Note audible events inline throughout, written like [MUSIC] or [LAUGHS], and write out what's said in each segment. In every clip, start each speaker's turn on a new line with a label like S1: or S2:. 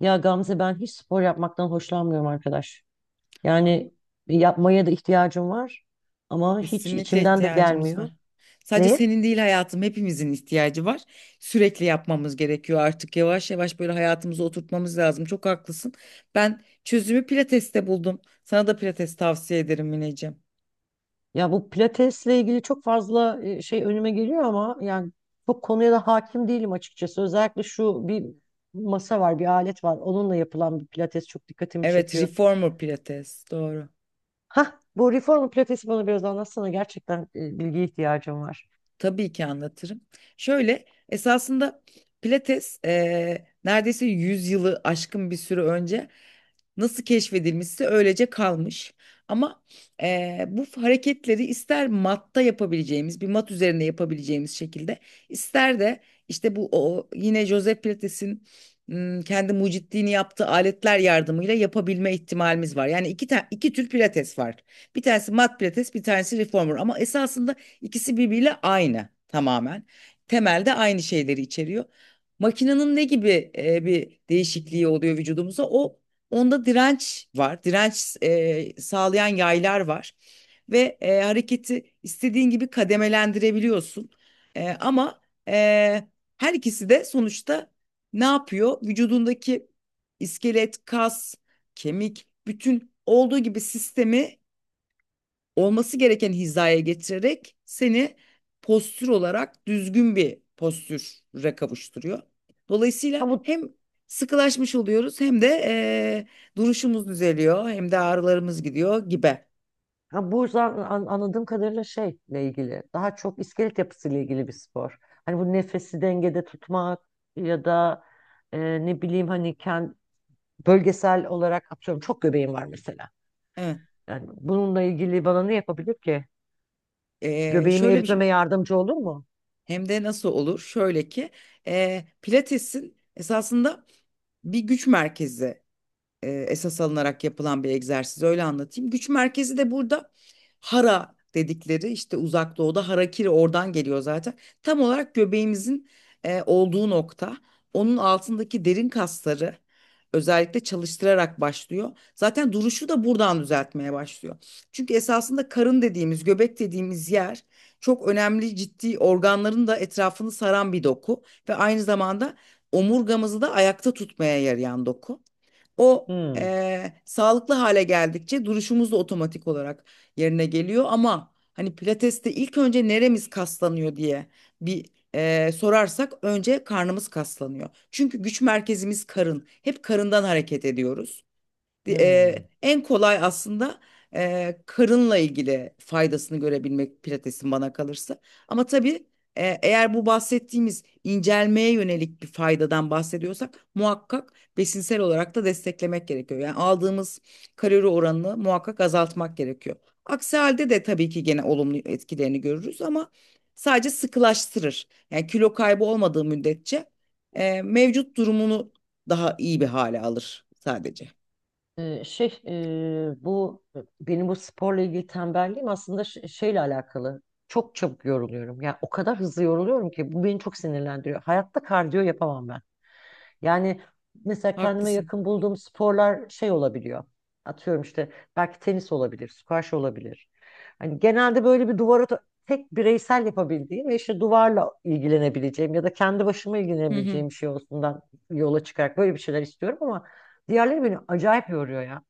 S1: Ya Gamze ben hiç spor yapmaktan hoşlanmıyorum arkadaş. Yani yapmaya da ihtiyacım var ama hiç
S2: Kesinlikle
S1: içimden de
S2: ihtiyacımız
S1: gelmiyor.
S2: var. Sadece
S1: Neye?
S2: senin değil hayatım hepimizin ihtiyacı var. Sürekli yapmamız gerekiyor artık yavaş yavaş böyle hayatımıza oturtmamız lazım. Çok haklısın. Ben çözümü pilateste buldum. Sana da pilates tavsiye ederim Mineciğim.
S1: Ya bu pilatesle ilgili çok fazla şey önüme geliyor ama yani çok konuya da hakim değilim açıkçası. Özellikle şu bir masa var, bir alet var. Onunla yapılan bir pilates çok dikkatimi
S2: Evet,
S1: çekiyor.
S2: reformer pilates. Doğru.
S1: Hah, bu reformer pilatesi bana biraz anlatsana. Gerçekten bilgiye ihtiyacım var.
S2: Tabii ki anlatırım. Şöyle esasında pilates neredeyse 100 yılı aşkın bir süre önce nasıl keşfedilmişse öylece kalmış. Ama bu hareketleri ister matta yapabileceğimiz bir mat üzerinde yapabileceğimiz şekilde ister de işte yine Joseph Pilates'in kendi mucitliğini yaptığı aletler yardımıyla yapabilme ihtimalimiz var. Yani iki tür pilates var. Bir tanesi mat pilates, bir tanesi reformer. Ama esasında İkisi birbiriyle aynı tamamen. Temelde aynı şeyleri içeriyor. Makinenin ne gibi bir değişikliği oluyor vücudumuza? Onda direnç var. Direnç sağlayan yaylar var. Ve hareketi istediğin gibi kademelendirebiliyorsun. Ama e, her ikisi de sonuçta ne yapıyor? Vücudundaki iskelet, kas, kemik, bütün olduğu gibi sistemi olması gereken hizaya getirerek seni postür olarak düzgün bir postüre kavuşturuyor.
S1: Ha
S2: Dolayısıyla
S1: bu.
S2: hem sıkılaşmış oluyoruz hem de duruşumuz düzeliyor hem de ağrılarımız gidiyor gibi.
S1: Ha, anladığım kadarıyla şeyle ilgili, daha çok iskelet yapısıyla ilgili bir spor. Hani bu nefesi dengede tutmak ya da ne bileyim bölgesel olarak atıyorum çok göbeğim var mesela.
S2: Evet.
S1: Yani bununla ilgili bana ne yapabilir ki?
S2: Eee,
S1: Göbeğimi
S2: şöyle bir şey-
S1: eritmeme yardımcı olur mu?
S2: hem de nasıl olur? Şöyle ki Pilates'in esasında bir güç merkezi esas alınarak yapılan bir egzersiz, öyle anlatayım. Güç merkezi de burada hara dedikleri, işte uzak doğuda harakiri oradan geliyor zaten. Tam olarak göbeğimizin olduğu nokta, onun altındaki derin kasları özellikle çalıştırarak başlıyor. Zaten duruşu da buradan düzeltmeye başlıyor. Çünkü esasında karın dediğimiz, göbek dediğimiz yer çok önemli ciddi organların da etrafını saran bir doku ve aynı zamanda omurgamızı da ayakta tutmaya yarayan doku. O
S1: Hmm.
S2: sağlıklı hale geldikçe duruşumuz da otomatik olarak yerine geliyor. Ama hani pilateste ilk önce neremiz kaslanıyor diye bir, sorarsak önce karnımız kaslanıyor. Çünkü güç merkezimiz karın. Hep karından hareket ediyoruz.
S1: Hmm.
S2: En kolay aslında karınla ilgili faydasını görebilmek pilatesin bana kalırsa. Ama tabii eğer bu bahsettiğimiz incelmeye yönelik bir faydadan bahsediyorsak muhakkak besinsel olarak da desteklemek gerekiyor. Yani aldığımız kalori oranını muhakkak azaltmak gerekiyor. Aksi halde de tabii ki gene olumlu etkilerini görürüz ama sadece sıkılaştırır. Yani kilo kaybı olmadığı müddetçe mevcut durumunu daha iyi bir hale alır sadece.
S1: Bu benim bu sporla ilgili tembelliğim aslında şeyle alakalı. Çok çabuk yoruluyorum. Yani o kadar hızlı yoruluyorum ki bu beni çok sinirlendiriyor. Hayatta kardiyo yapamam ben. Yani mesela kendime
S2: Haklısın.
S1: yakın bulduğum sporlar şey olabiliyor. Atıyorum işte belki tenis olabilir, squash olabilir. Hani genelde böyle bir duvara tek bireysel yapabildiğim ve işte duvarla ilgilenebileceğim ya da kendi başıma
S2: Hı hı.
S1: ilgilenebileceğim bir şey olsundan yola çıkarak böyle bir şeyler istiyorum ama diğerleri beni acayip yoruyor ya.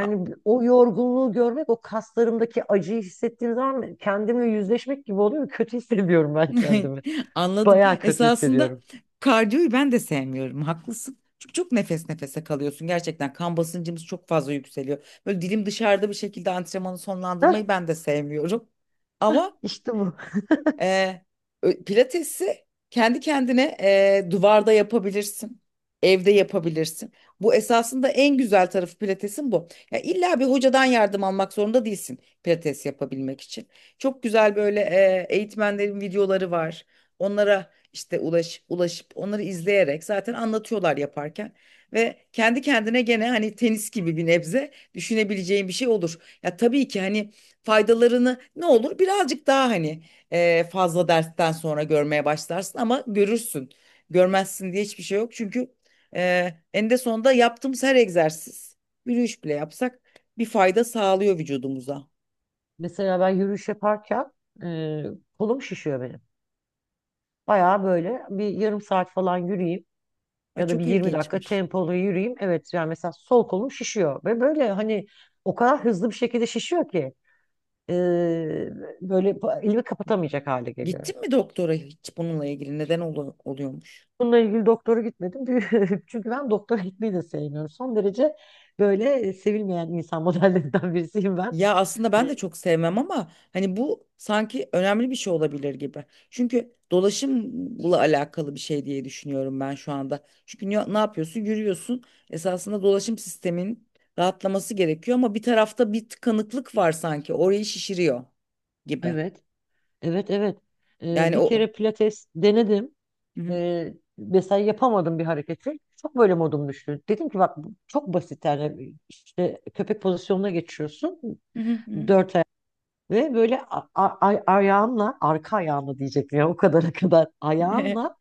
S2: A-
S1: o yorgunluğu görmek, o kaslarımdaki acıyı hissettiğim zaman kendimle yüzleşmek gibi oluyor. Kötü [LAUGHS] hissediyorum ben
S2: [LAUGHS]
S1: kendimi.
S2: Anladım.
S1: Bayağı kötü
S2: Esasında
S1: hissediyorum.
S2: kardiyoyu ben de sevmiyorum. Haklısın. Çünkü çok nefes nefese kalıyorsun. Gerçekten kan basıncımız çok fazla yükseliyor. Böyle dilim dışarıda bir şekilde antrenmanı
S1: Heh,
S2: sonlandırmayı ben de sevmiyorum. Ama
S1: işte bu.
S2: Ee, pilatesi kendi kendine duvarda yapabilirsin. Evde yapabilirsin. Bu esasında en güzel tarafı pilatesin bu. Ya illa bir hocadan yardım almak zorunda değilsin pilates yapabilmek için. Çok güzel böyle eğitmenlerin videoları var. Onlara işte ulaşıp onları izleyerek zaten anlatıyorlar yaparken. Ve kendi kendine gene hani tenis gibi bir nebze düşünebileceğin bir şey olur. Ya tabii ki hani faydalarını ne olur birazcık daha hani fazla dersten sonra görmeye başlarsın ama görürsün. Görmezsin diye hiçbir şey yok. Çünkü eninde sonunda yaptığımız her egzersiz, yürüyüş bile yapsak bir fayda sağlıyor vücudumuza.
S1: Mesela ben yürüyüş yaparken e, kolum şişiyor benim. Bayağı böyle bir yarım saat falan yürüyeyim
S2: Ay,
S1: ya da bir
S2: çok
S1: 20 dakika
S2: ilginçmiş.
S1: tempolu yürüyeyim. Evet yani mesela sol kolum şişiyor ve böyle hani o kadar hızlı bir şekilde şişiyor ki e, böyle elimi kapatamayacak hale geliyorum.
S2: Gittin mi doktora hiç bununla ilgili? Neden oluyormuş?
S1: Bununla ilgili doktora gitmedim. [LAUGHS] Çünkü ben doktora gitmeyi de sevmiyorum. Son derece böyle sevilmeyen insan [LAUGHS] modellerinden birisiyim ben.
S2: Ya aslında ben de çok sevmem ama hani bu sanki önemli bir şey olabilir gibi. Çünkü dolaşımla alakalı bir şey diye düşünüyorum ben şu anda. Çünkü ne yapıyorsun? Yürüyorsun. Esasında dolaşım sistemin rahatlaması gerekiyor ama bir tarafta bir tıkanıklık var sanki. Orayı şişiriyor gibi.
S1: Evet, evet, evet. E,
S2: Yani
S1: bir
S2: o.
S1: kere pilates denedim.
S2: Hı hı.
S1: E, mesela yapamadım bir hareketi. Çok böyle modum düştü. Dedim ki bak bu çok basit yani işte köpek pozisyonuna geçiyorsun.
S2: Hı hı hı.
S1: Dört ayak ve böyle ayağınla arka ayağınla diyecektim ya o kadara kadar ayağınla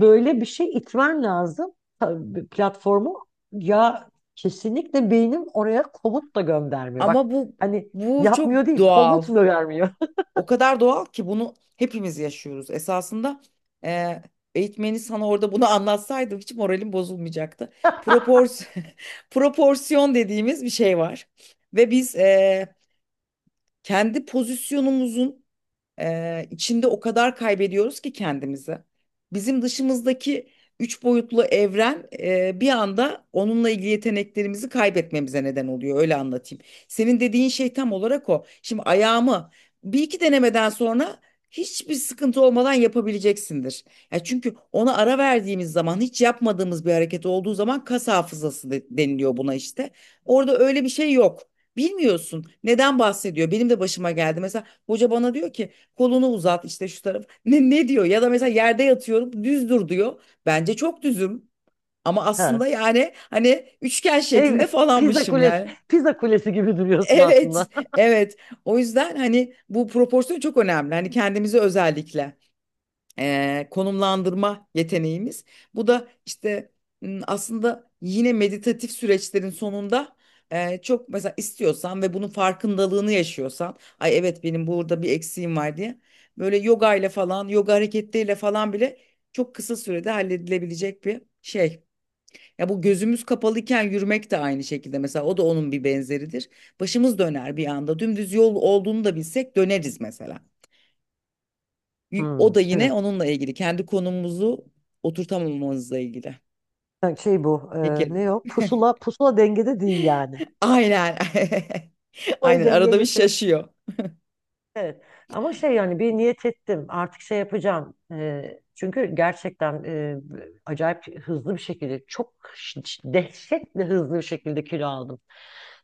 S1: böyle bir şey itmen lazım. Tabii platformu, ya kesinlikle beynim oraya komut da
S2: [LAUGHS]
S1: göndermiyor. Bak
S2: Ama bu
S1: hani
S2: Bu çok
S1: yapmıyor değil
S2: doğal.
S1: komut da vermiyor. [LAUGHS]
S2: O kadar doğal ki bunu hepimiz yaşıyoruz. Esasında e, eğitmeni sana orada bunu [LAUGHS] anlatsaydım hiç moralim bozulmayacaktı. Propors [LAUGHS] proporsiyon dediğimiz bir şey var. Ve biz kendi pozisyonumuzun içinde o kadar kaybediyoruz ki kendimizi. Bizim dışımızdaki üç boyutlu evren bir anda onunla ilgili yeteneklerimizi kaybetmemize neden oluyor. Öyle anlatayım. Senin dediğin şey tam olarak o. Şimdi ayağımı 1 2 denemeden sonra hiçbir sıkıntı olmadan yapabileceksindir. Ya çünkü ona ara verdiğimiz zaman hiç yapmadığımız bir hareket olduğu zaman kas hafızası deniliyor buna işte. Orada öyle bir şey yok. Bilmiyorsun neden bahsediyor. Benim de başıma geldi. Mesela hoca bana diyor ki, kolunu uzat işte şu taraf. Ne diyor? Ya da mesela yerde yatıyorum, düz dur diyor. Bence çok düzüm. Ama
S1: Ha.
S2: aslında yani hani üçgen şeklinde
S1: Pizza
S2: falanmışım
S1: kulesi,
S2: yani. [LAUGHS]
S1: pizza kulesi gibi duruyorsun aslında.
S2: Evet,
S1: [LAUGHS]
S2: evet. O yüzden hani bu proporsiyon çok önemli. Hani kendimize özellikle konumlandırma yeteneğimiz. Bu da işte aslında yine meditatif süreçlerin sonunda çok mesela istiyorsan ve bunun farkındalığını yaşıyorsan, ay evet benim burada bir eksiğim var diye böyle yoga ile falan, yoga hareketleriyle falan bile çok kısa sürede halledilebilecek bir şey. Ya bu gözümüz kapalıyken yürümek de aynı şekilde mesela, o da onun bir benzeridir. Başımız döner bir anda. Dümdüz yol olduğunu da bilsek döneriz mesela. O
S1: Hmm,
S2: da yine
S1: evet.
S2: onunla ilgili. Kendi konumumuzu oturtamamamızla ilgili.
S1: Ha, şey bu
S2: Şekerim.
S1: ne o pusula, pusula dengede değil yani.
S2: Aynen. [LAUGHS]
S1: Pusulayı
S2: Aynen.
S1: dengeye
S2: Arada bir
S1: getiren,
S2: şaşıyor.
S1: evet. Ama şey yani bir niyet ettim artık şey yapacağım. Çünkü gerçekten acayip hızlı bir şekilde çok dehşetle hızlı bir şekilde kilo aldım.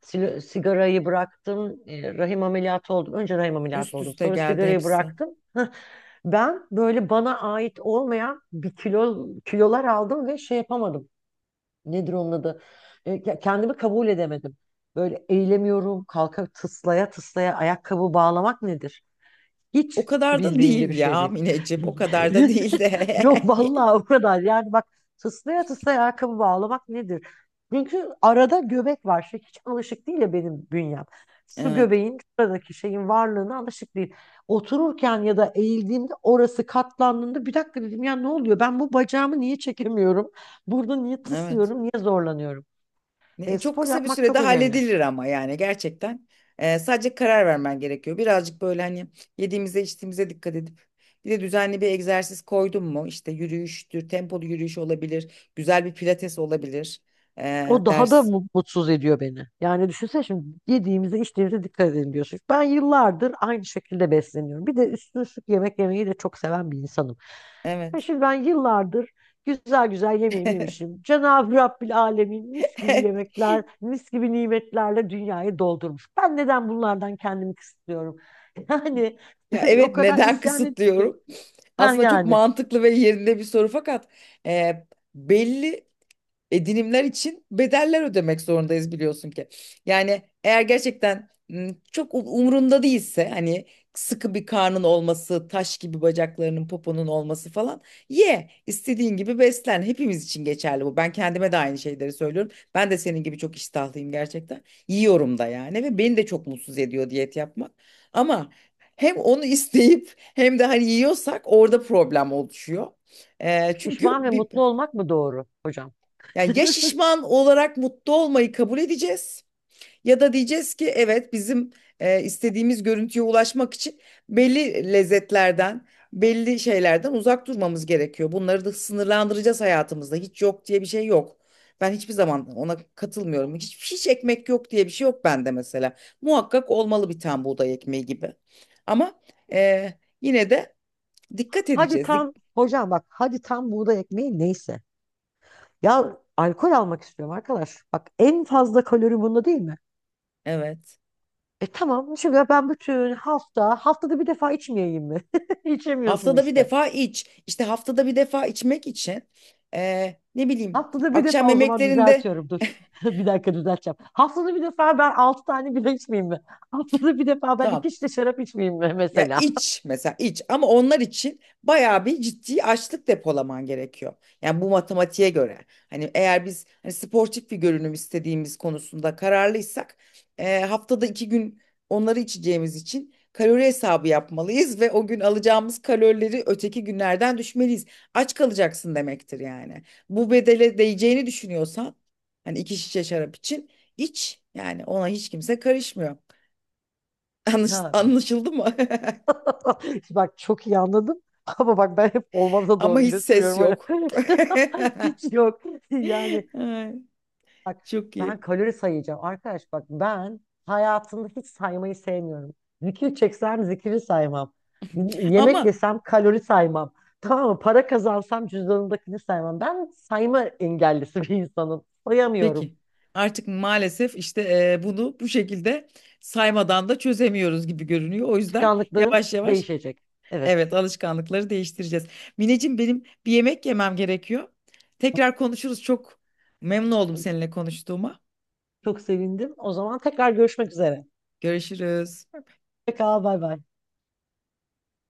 S1: Sigarayı bıraktım, rahim ameliyatı oldum. Önce rahim ameliyatı
S2: Üst
S1: oldum
S2: üste
S1: sonra
S2: geldi
S1: sigarayı
S2: hepsi.
S1: bıraktım. [LAUGHS] Ben böyle bana ait olmayan bir kilolar aldım ve şey yapamadım. Nedir onun adı? Ya kendimi kabul edemedim. Böyle eğilemiyorum, kalka tıslaya tıslaya ayakkabı bağlamak nedir?
S2: O
S1: Hiç
S2: kadar da
S1: bildiğimde
S2: değil
S1: bir şey
S2: ya
S1: değil.
S2: Mineciğim. O kadar da
S1: [LAUGHS]
S2: değil
S1: Yok
S2: de. [LAUGHS]
S1: vallahi o kadar. Yani bak, tıslaya tıslaya ayakkabı bağlamak nedir? Çünkü arada göbek var. Şey, hiç alışık değil ya benim bünyem. Şu
S2: Evet.
S1: göbeğin, şuradaki şeyin varlığına alışık değil. Otururken ya da eğildiğimde orası katlandığında bir dakika dedim ya ne oluyor? Ben bu bacağımı niye çekemiyorum? Burada niye
S2: Evet.
S1: tıslıyorum? Niye zorlanıyorum? E,
S2: Çok
S1: spor
S2: kısa bir
S1: yapmak
S2: sürede
S1: çok önemli.
S2: halledilir ama yani gerçekten. Sadece karar vermen gerekiyor. Birazcık böyle hani yediğimize içtiğimize dikkat edip bir de düzenli bir egzersiz koydun mu? İşte yürüyüştür, tempolu yürüyüş olabilir, güzel bir pilates olabilir.
S1: O daha da
S2: Ders.
S1: mutsuz ediyor beni. Yani düşünsene, şimdi yediğimize içtiğimize dikkat edelim diyorsun. Ben yıllardır aynı şekilde besleniyorum. Bir de üstüne üstlük yemek yemeyi de çok seven bir insanım. Ya
S2: Evet.
S1: şimdi ben yıllardır güzel güzel yemeğimi yemişim. Cenab-ı Rabbil Alemin mis gibi
S2: [LAUGHS]
S1: yemekler, mis gibi nimetlerle dünyayı doldurmuş. Ben neden bunlardan kendimi kısıtlıyorum? [LAUGHS] Yani
S2: Ya
S1: o
S2: evet,
S1: kadar
S2: neden
S1: isyan ediyorum ki.
S2: kısıtlıyorum?
S1: Ha
S2: Aslında çok
S1: yani
S2: mantıklı ve yerinde bir soru, fakat e, belli edinimler için bedeller ödemek zorundayız biliyorsun ki. Yani eğer gerçekten çok umrunda değilse hani sıkı bir karnın olması, taş gibi bacaklarının, poponun olması falan, istediğin gibi beslen. Hepimiz için geçerli bu. Ben kendime de aynı şeyleri söylüyorum. Ben de senin gibi çok iştahlıyım gerçekten. Yiyorum da yani ve beni de çok mutsuz ediyor diyet yapmak. Ama hem onu [LAUGHS] isteyip hem de hani yiyorsak orada problem oluşuyor. Çünkü
S1: pişman ve mutlu olmak mı doğru hocam?
S2: yani ya şişman olarak mutlu olmayı kabul edeceğiz ya da diyeceğiz ki evet bizim istediğimiz görüntüye ulaşmak için belli lezzetlerden, belli şeylerden uzak durmamız gerekiyor. Bunları da sınırlandıracağız hayatımızda. Hiç yok diye bir şey yok. Ben hiçbir zaman ona katılmıyorum. Hiç ekmek yok diye bir şey yok bende mesela. Muhakkak olmalı bir tane buğday ekmeği gibi. Ama e, yine de dikkat
S1: Hadi
S2: edeceğiz.
S1: tam hocam bak, hadi tam buğday ekmeği neyse. Ya alkol almak istiyorum arkadaş. Bak en fazla kalori bunda değil mi?
S2: Evet.
S1: E tamam, şimdi ben bütün hafta haftada bir defa içmeyeyim mi? [LAUGHS] İçemiyorsun
S2: Haftada bir
S1: işte.
S2: defa iç. İşte haftada bir defa içmek için ne bileyim
S1: Haftada bir
S2: akşam
S1: defa o zaman,
S2: yemeklerinde
S1: düzeltiyorum dur. [LAUGHS] Bir dakika düzelteceğim. Haftada bir defa ben altı tane bile içmeyeyim mi? [LAUGHS] Haftada bir defa ben
S2: tamam.
S1: iki şişe şarap içmeyeyim mi
S2: Ya
S1: mesela?
S2: iç mesela, iç ama onlar için bayağı bir ciddi açlık depolaman gerekiyor. Yani bu matematiğe göre. Hani eğer biz hani sportif bir görünüm istediğimiz konusunda kararlıysak haftada 2 gün onları içeceğimiz için kalori hesabı yapmalıyız ve o gün alacağımız kalorileri öteki günlerden düşmeliyiz. Aç kalacaksın demektir yani. Bu bedele değeceğini düşünüyorsan hani iki şişe şarap için iç yani, ona hiç kimse karışmıyor. [LAUGHS]
S1: Ya
S2: Anlaşıldı mı? [LAUGHS]
S1: [LAUGHS] bak çok iyi anladım. Ama bak ben hep olmaza
S2: Ama
S1: doğru
S2: hiç ses
S1: götürüyorum.
S2: yok.
S1: Hani
S2: [LAUGHS]
S1: [LAUGHS] hiç yok. Yani
S2: Ay,
S1: bak,
S2: çok
S1: ben
S2: iyi.
S1: kalori sayacağım. Arkadaş bak ben hayatımda hiç saymayı sevmiyorum. Zikir çeksem zikiri saymam. Yemek
S2: Ama
S1: yesem kalori saymam. Tamam mı? Para kazansam cüzdanımdakini saymam. Ben sayma engellisi [LAUGHS] bir insanım. Sayamıyorum.
S2: peki, artık maalesef işte bunu bu şekilde saymadan da çözemiyoruz gibi görünüyor. O yüzden
S1: Alışkanlıklarım
S2: yavaş yavaş
S1: değişecek.
S2: evet,
S1: Evet.
S2: alışkanlıkları değiştireceğiz. Mineciğim benim bir yemek yemem gerekiyor. Tekrar konuşuruz. Çok memnun oldum seninle konuştuğuma.
S1: Çok sevindim. O zaman tekrar görüşmek üzere.
S2: Görüşürüz.
S1: Pekala bay bay.